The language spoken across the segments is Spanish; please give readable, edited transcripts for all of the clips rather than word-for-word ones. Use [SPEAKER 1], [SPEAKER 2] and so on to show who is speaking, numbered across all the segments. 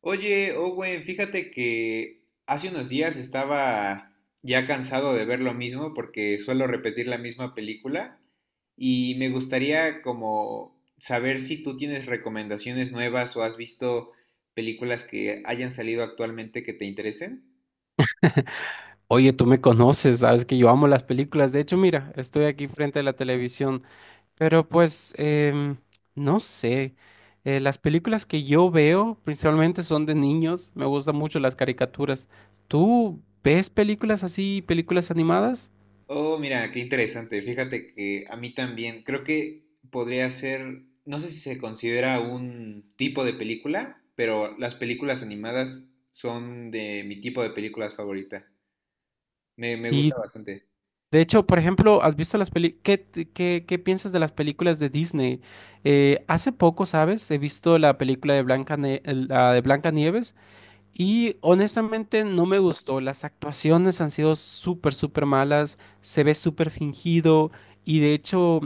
[SPEAKER 1] Oye, Owen, fíjate que hace unos días estaba ya cansado de ver lo mismo porque suelo repetir la misma película y me gustaría como saber si tú tienes recomendaciones nuevas o has visto películas que hayan salido actualmente que te interesen.
[SPEAKER 2] Oye, tú me conoces, sabes que yo amo las películas. De hecho, mira, estoy aquí frente a la televisión, pero pues, no sé. Las películas que yo veo principalmente son de niños. Me gustan mucho las caricaturas. ¿Tú ves películas así, películas animadas?
[SPEAKER 1] Oh, mira, qué interesante. Fíjate que a mí también, creo que podría ser, no sé si se considera un tipo de película, pero las películas animadas son de mi tipo de películas favorita. Me gusta
[SPEAKER 2] Y
[SPEAKER 1] bastante.
[SPEAKER 2] de hecho, por ejemplo, ¿has visto las películas? ¿Qué, qué, qué piensas de las películas de Disney? Hace poco, ¿sabes? He visto la película de la de Blancanieves. Y honestamente no me gustó. Las actuaciones han sido súper malas. Se ve súper fingido. Y de hecho,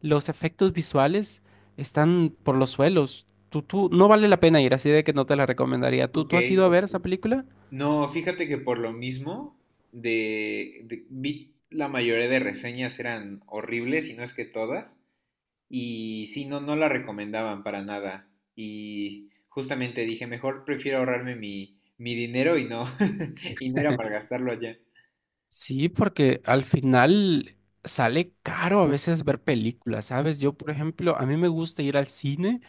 [SPEAKER 2] los efectos visuales están por los suelos. No vale la pena ir, así de que no te la recomendaría.
[SPEAKER 1] Ok,
[SPEAKER 2] Tú has ido a
[SPEAKER 1] ok.
[SPEAKER 2] ver esa película?
[SPEAKER 1] No, fíjate que por lo mismo, vi la mayoría de reseñas eran horribles, y no es que todas, y sí, no, no la recomendaban para nada. Y justamente dije, mejor prefiero ahorrarme mi dinero y no, y no ir a malgastarlo allá.
[SPEAKER 2] Sí, porque al final sale caro a veces ver películas, ¿sabes? Yo, por ejemplo, a mí me gusta ir al cine.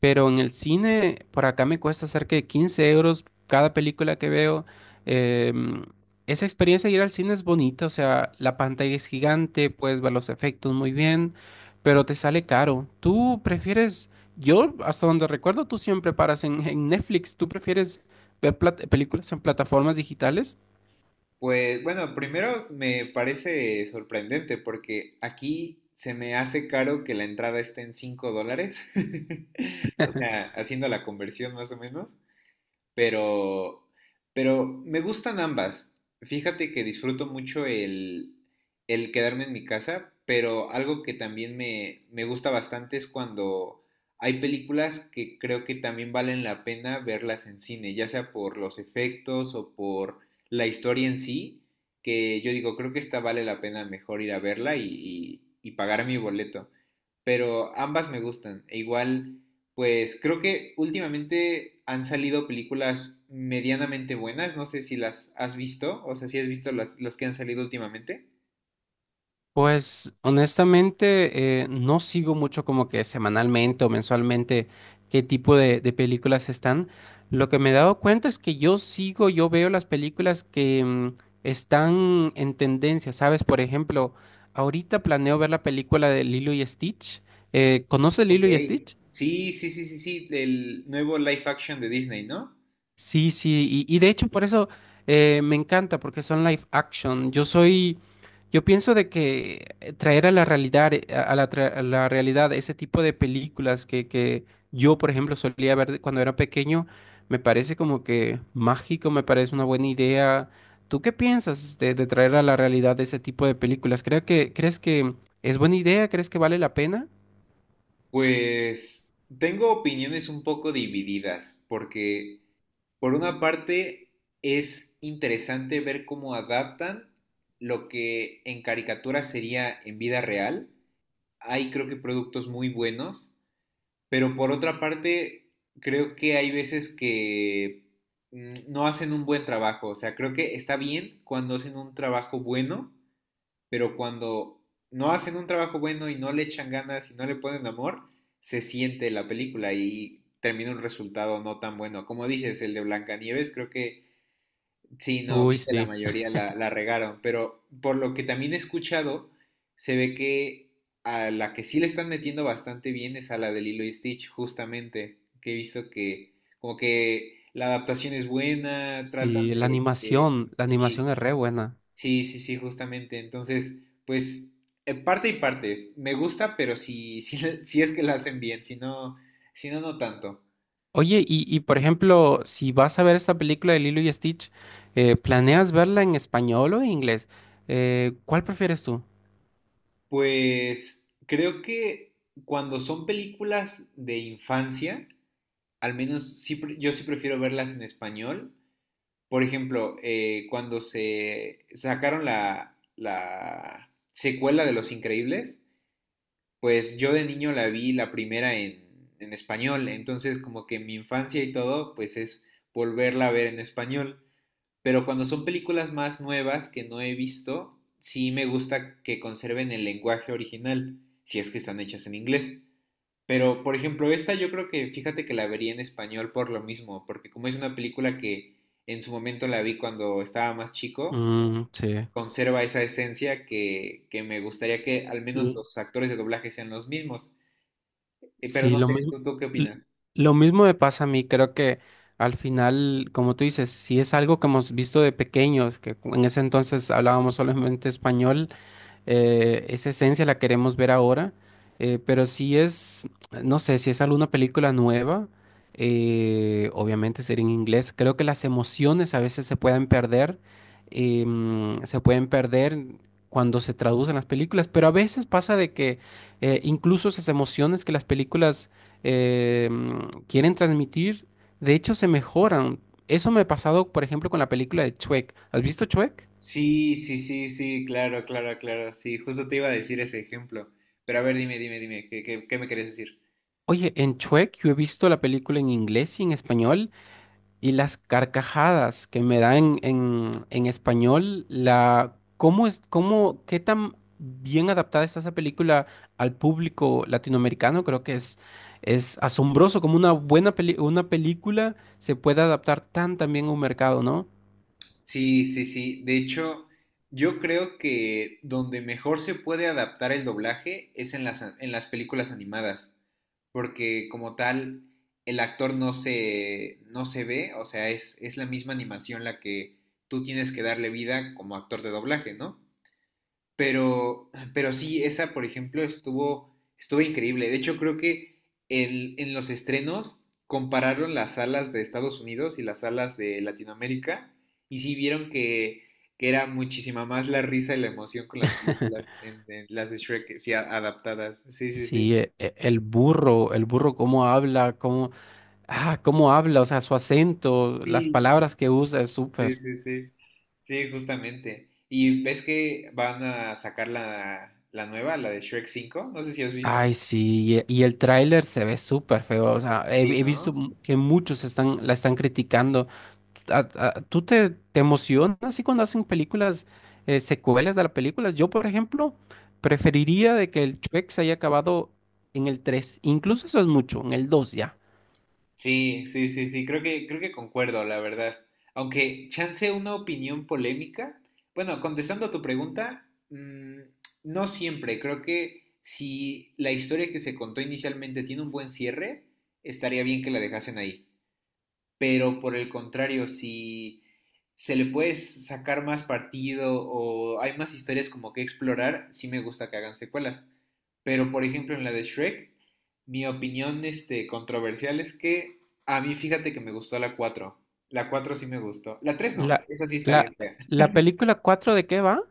[SPEAKER 2] Pero en el cine, por acá me cuesta cerca de 15 euros cada película que veo. Em, esa experiencia de ir al cine es bonita, o sea, la pantalla es gigante, puedes ver los efectos muy bien, pero te sale caro. ¿Tú prefieres, yo hasta donde recuerdo, tú siempre paras en Netflix, ¿tú prefieres ver películas en plataformas digitales?
[SPEAKER 1] Pues bueno, primero me parece sorprendente porque aquí se me hace caro que la entrada esté en $5. O sea, haciendo la conversión más o menos. Pero, pero me gustan ambas. Fíjate que disfruto mucho el quedarme en mi casa, pero algo que también me gusta bastante es cuando hay películas que creo que también valen la pena verlas en cine, ya sea por los efectos o por la historia en sí, que yo digo, creo que esta vale la pena mejor ir a verla y pagar mi boleto. Pero ambas me gustan. E igual pues creo que últimamente han salido películas medianamente buenas. No sé si las has visto, o sea, si has visto las que han salido últimamente.
[SPEAKER 2] Pues honestamente no sigo mucho como que semanalmente o mensualmente qué tipo de películas están. Lo que me he dado cuenta es que yo sigo, yo veo las películas que están en tendencia, ¿sabes? Por ejemplo, ahorita planeo ver la película de Lilo y Stitch. ¿Conoces
[SPEAKER 1] Ok.
[SPEAKER 2] Lilo y Stitch?
[SPEAKER 1] Sí, sí, sí, sí, sí, el nuevo live action de Disney, ¿no?
[SPEAKER 2] Sí, sí, y de hecho por eso me encanta, porque son live action. Yo soy, yo pienso de que traer a la realidad, a la realidad ese tipo de películas que yo, por ejemplo, solía ver cuando era pequeño, me parece como que mágico, me parece una buena idea. ¿Tú qué piensas de traer a la realidad ese tipo de películas? ¿Creo que, crees que es buena idea? ¿Crees que vale la pena?
[SPEAKER 1] Pues tengo opiniones un poco divididas, porque por una parte es interesante ver cómo adaptan lo que en caricatura sería en vida real. Hay creo que productos muy buenos. Pero por otra parte, creo que hay veces que no hacen un buen trabajo. O sea, creo que está bien cuando hacen un trabajo bueno, pero cuando no hacen un trabajo bueno y no le echan ganas y no le ponen amor, se siente la película y termina un resultado no tan bueno. Como dices, el de Blancanieves creo que sí, no,
[SPEAKER 2] Uy,
[SPEAKER 1] vi que la
[SPEAKER 2] sí.
[SPEAKER 1] mayoría la regaron, pero por lo que también he escuchado, se ve que a la que sí le están metiendo bastante bien es a la de Lilo y Stitch, justamente, que he visto que como que la adaptación es buena, tratan
[SPEAKER 2] Sí,
[SPEAKER 1] de, de-
[SPEAKER 2] la
[SPEAKER 1] Sí,
[SPEAKER 2] animación es re buena.
[SPEAKER 1] sí, sí, sí, justamente. Entonces, pues, parte y parte. Me gusta, pero si, si, si es que la hacen bien, si no, si no, no tanto.
[SPEAKER 2] Oye, y por ejemplo, si vas a ver esta película de Lilo y Stitch, ¿planeas verla en español o en inglés? ¿Cuál prefieres tú?
[SPEAKER 1] Pues creo que cuando son películas de infancia, al menos yo sí prefiero verlas en español. Por ejemplo, cuando se sacaron la secuela de Los Increíbles, pues yo de niño la vi la primera en español. Entonces como que mi infancia y todo, pues es volverla a ver en español. Pero cuando son películas más nuevas que no he visto, sí me gusta que conserven el lenguaje original, si es que están hechas en inglés. Pero, por ejemplo, esta yo creo que, fíjate que la vería en español por lo mismo, porque como es una película que en su momento la vi cuando estaba más chico,
[SPEAKER 2] Mm, sí.
[SPEAKER 1] conserva esa esencia que me gustaría que al menos
[SPEAKER 2] L-
[SPEAKER 1] los actores de doblaje sean los mismos. Pero
[SPEAKER 2] Sí,
[SPEAKER 1] no
[SPEAKER 2] lo
[SPEAKER 1] sé,
[SPEAKER 2] mismo,
[SPEAKER 1] tú qué
[SPEAKER 2] l-
[SPEAKER 1] opinas?
[SPEAKER 2] lo mismo me pasa a mí. Creo que al final, como tú dices, si es algo que hemos visto de pequeños, que en ese entonces hablábamos solamente español, esa esencia la queremos ver ahora, pero si es, no sé, si es alguna película nueva, obviamente sería en inglés. Creo que las emociones a veces se pueden perder, se pueden perder cuando se traducen las películas, pero a veces pasa de que incluso esas emociones que las películas quieren transmitir, de hecho se mejoran. Eso me ha pasado, por ejemplo, con la película de Shrek. ¿Has visto Shrek?
[SPEAKER 1] Sí, sí, sí, sí, claro, claro, claro, sí, justo te iba a decir ese ejemplo, pero a ver, dime, dime, dime, ¿qué, qué, qué me querés decir?
[SPEAKER 2] Oye, en Shrek yo he visto la película en inglés y en español y las carcajadas que me dan en, en español, la, ¿cómo es, cómo, qué tan bien adaptada está esa película al público latinoamericano? Creo que es asombroso como una una película se puede adaptar tan tan bien a un mercado, ¿no?
[SPEAKER 1] Sí, sí, sí, de hecho, yo creo que donde mejor se puede adaptar el doblaje es en las, en las películas animadas, porque como tal, el actor no se ve, o sea, es la misma animación la que tú tienes que darle vida como actor de doblaje, ¿no? Pero sí, esa, por ejemplo, estuvo, estuvo increíble. De hecho, creo que en los estrenos compararon las salas de Estados Unidos y las salas de Latinoamérica y sí vieron que era muchísima más la risa y la emoción con las películas, en las de Shrek, sí, adaptadas. Sí, sí,
[SPEAKER 2] Sí,
[SPEAKER 1] sí.
[SPEAKER 2] el burro cómo habla, cómo, ah, cómo habla, o sea, su acento, las
[SPEAKER 1] Sí,
[SPEAKER 2] palabras que usa es
[SPEAKER 1] sí,
[SPEAKER 2] súper.
[SPEAKER 1] sí, sí. Sí, justamente. Y ves que van a sacar la nueva, la de Shrek cinco, no sé si has
[SPEAKER 2] Ay,
[SPEAKER 1] visto.
[SPEAKER 2] sí, y el tráiler se ve súper feo, o sea, he,
[SPEAKER 1] Sí,
[SPEAKER 2] he visto
[SPEAKER 1] ¿no?
[SPEAKER 2] que muchos están, la están criticando. ¿Tú te, te emocionas así cuando hacen películas, secuelas de las películas? Yo, por ejemplo, preferiría de que el Shrek se haya acabado en el tres, incluso eso es mucho, en el dos ya.
[SPEAKER 1] Sí, sí, sí, sí, creo que concuerdo, la verdad. Aunque chance una opinión polémica. Bueno, contestando a tu pregunta, no siempre. Creo que si la historia que se contó inicialmente tiene un buen cierre, estaría bien que la dejasen ahí, pero por el contrario, si se le puede sacar más partido o hay más historias como que explorar, sí me gusta que hagan secuelas. Pero por ejemplo en la de Shrek, mi opinión este, controversial, es que a mí fíjate que me gustó la cuatro. La 4 sí me gustó. La 3 no,
[SPEAKER 2] La,
[SPEAKER 1] esa sí está
[SPEAKER 2] la,
[SPEAKER 1] bien fea.
[SPEAKER 2] la película cuatro, ¿de qué va?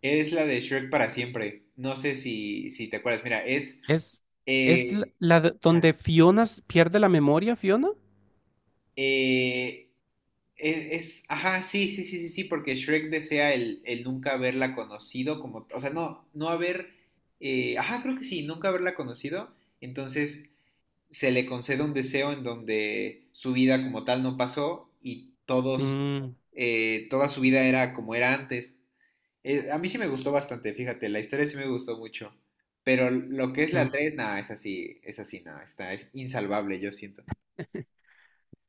[SPEAKER 1] Es la de Shrek para siempre. No sé si, si te acuerdas. Mira, es...
[SPEAKER 2] Es, es la,
[SPEAKER 1] eh,
[SPEAKER 2] la donde
[SPEAKER 1] ajá,
[SPEAKER 2] Fiona pierde la memoria, Fiona.
[SPEAKER 1] eh, ajá, sí, sí, sí, sí, sí, porque Shrek desea el nunca haberla conocido, como, o sea, no haber, ajá, creo que sí, nunca haberla conocido, entonces se le concede un deseo en donde su vida como tal no pasó y todos,
[SPEAKER 2] Mm,
[SPEAKER 1] toda su vida era como era antes. A mí sí me gustó bastante, fíjate, la historia sí me gustó mucho, pero lo que es la
[SPEAKER 2] mm.
[SPEAKER 1] 3 nada, es así, nada, está, es insalvable, yo siento.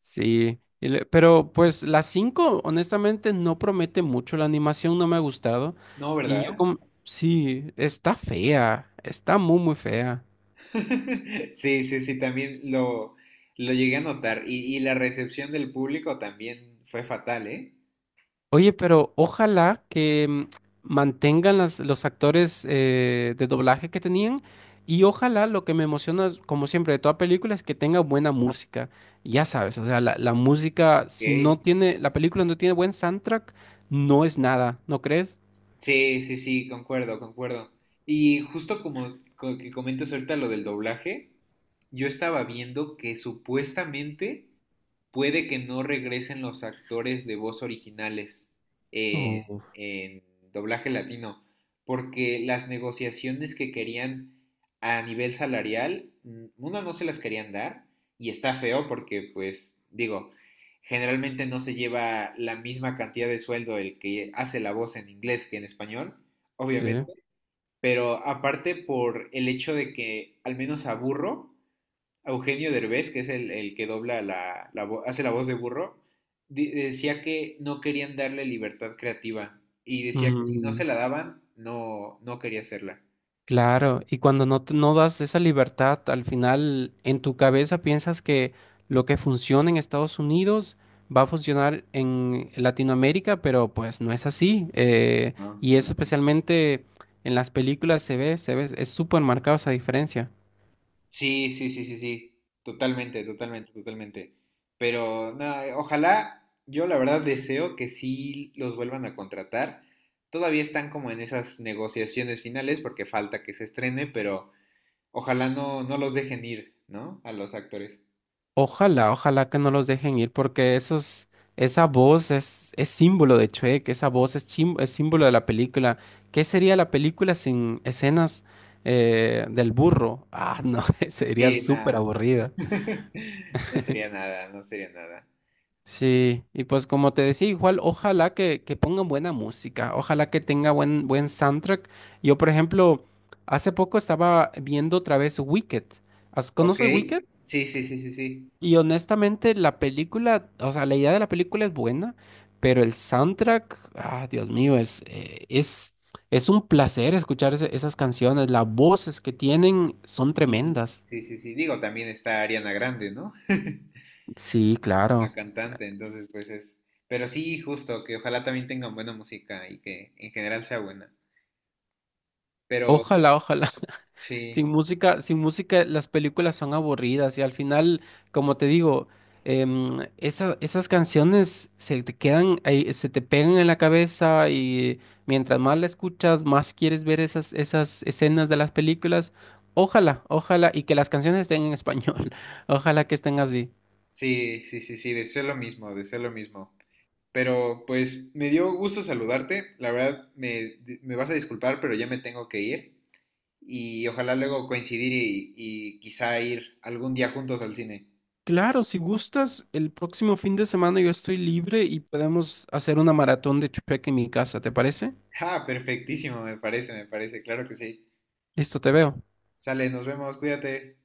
[SPEAKER 2] Sí, y pero pues la 5, honestamente no promete mucho, la animación no me ha gustado
[SPEAKER 1] No,
[SPEAKER 2] y yo
[SPEAKER 1] ¿verdad?
[SPEAKER 2] como, sí, está fea, está muy muy fea.
[SPEAKER 1] Sí, sí, sí, también lo llegué a notar. Y la recepción del público también fue fatal, ¿eh?
[SPEAKER 2] Oye, pero ojalá que mantengan los actores de doblaje que tenían y ojalá lo que me emociona, como siempre, de toda película es que tenga buena música. Ya sabes, o sea, la música, si no
[SPEAKER 1] Ok.
[SPEAKER 2] tiene, la película no tiene buen soundtrack, no es nada, ¿no crees?
[SPEAKER 1] Sí, sí, sí, concuerdo, concuerdo. Y justo como que comentas ahorita lo del doblaje, yo estaba viendo que supuestamente puede que no regresen los actores de voz originales
[SPEAKER 2] Uf,
[SPEAKER 1] en doblaje latino, porque las negociaciones que querían a nivel salarial, una no se las querían dar y está feo porque pues digo, generalmente no se lleva la misma cantidad de sueldo el que hace la voz en inglés que en español,
[SPEAKER 2] sí.
[SPEAKER 1] obviamente, pero aparte por el hecho de que al menos a Burro, a Eugenio Derbez, que es el que dobla la hace la voz de burro, decía que no querían darle libertad creativa y decía que si no
[SPEAKER 2] Mm.
[SPEAKER 1] se la daban, no, no quería hacerla.
[SPEAKER 2] Claro, y cuando no, no das esa libertad, al final en tu cabeza piensas que lo que funciona en Estados Unidos va a funcionar en Latinoamérica, pero pues no es así.
[SPEAKER 1] No,
[SPEAKER 2] Y
[SPEAKER 1] no,
[SPEAKER 2] eso
[SPEAKER 1] no, no.
[SPEAKER 2] especialmente en las películas se ve, es súper marcada esa diferencia.
[SPEAKER 1] Sí, sí, sí, sí, sí, totalmente, totalmente, totalmente. Pero no, ojalá, yo la verdad deseo que sí los vuelvan a contratar. Todavía están como en esas negociaciones finales porque falta que se estrene, pero ojalá no, no los dejen ir, ¿no? A los actores.
[SPEAKER 2] Ojalá, ojalá que no los dejen ir porque esos, esa voz es símbolo de Shrek, esa voz es, es símbolo de la película. ¿Qué sería la película sin escenas del burro? Ah, no, sería
[SPEAKER 1] Sí,
[SPEAKER 2] súper
[SPEAKER 1] no.
[SPEAKER 2] aburrida.
[SPEAKER 1] No sería nada, no sería nada.
[SPEAKER 2] Sí, y pues como te decía, igual ojalá que pongan buena música, ojalá que tenga buen, buen soundtrack. Yo, por ejemplo, hace poco estaba viendo otra vez Wicked.
[SPEAKER 1] Ok,
[SPEAKER 2] ¿Conoces Wicked?
[SPEAKER 1] sí, sí, sí, sí, sí.
[SPEAKER 2] Y honestamente, la película, o sea, la idea de la película es buena, pero el soundtrack, ah, Dios mío, es un placer escuchar esas canciones. Las voces que tienen son
[SPEAKER 1] Sí,
[SPEAKER 2] tremendas.
[SPEAKER 1] sí, sí, sí. Digo, también está Ariana Grande, ¿no?
[SPEAKER 2] Sí,
[SPEAKER 1] La
[SPEAKER 2] claro.
[SPEAKER 1] cantante, entonces pues es... Pero sí, justo, que ojalá también tengan buena música y que en general sea buena. Pero
[SPEAKER 2] Ojalá, ojalá.
[SPEAKER 1] sí,
[SPEAKER 2] Sin música, sin música las películas son aburridas y al final, como te digo, esas canciones se te quedan ahí, se te pegan en la cabeza y mientras más la escuchas, más quieres ver esas, esas escenas de las películas. Ojalá, ojalá, y que las canciones estén en español. Ojalá que estén así.
[SPEAKER 1] sí, sí, sí, sí, deseo lo mismo, deseo lo mismo. Pero pues me dio gusto saludarte, la verdad me vas a disculpar, pero ya me tengo que ir y ojalá luego coincidir y quizá ir algún día juntos al cine.
[SPEAKER 2] Claro, si gustas, el próximo fin de semana yo estoy libre y podemos hacer una maratón de Shrek en mi casa, ¿te parece?
[SPEAKER 1] Ah, perfectísimo, me parece, claro que sí.
[SPEAKER 2] Listo, te veo.
[SPEAKER 1] Sale, nos vemos, cuídate.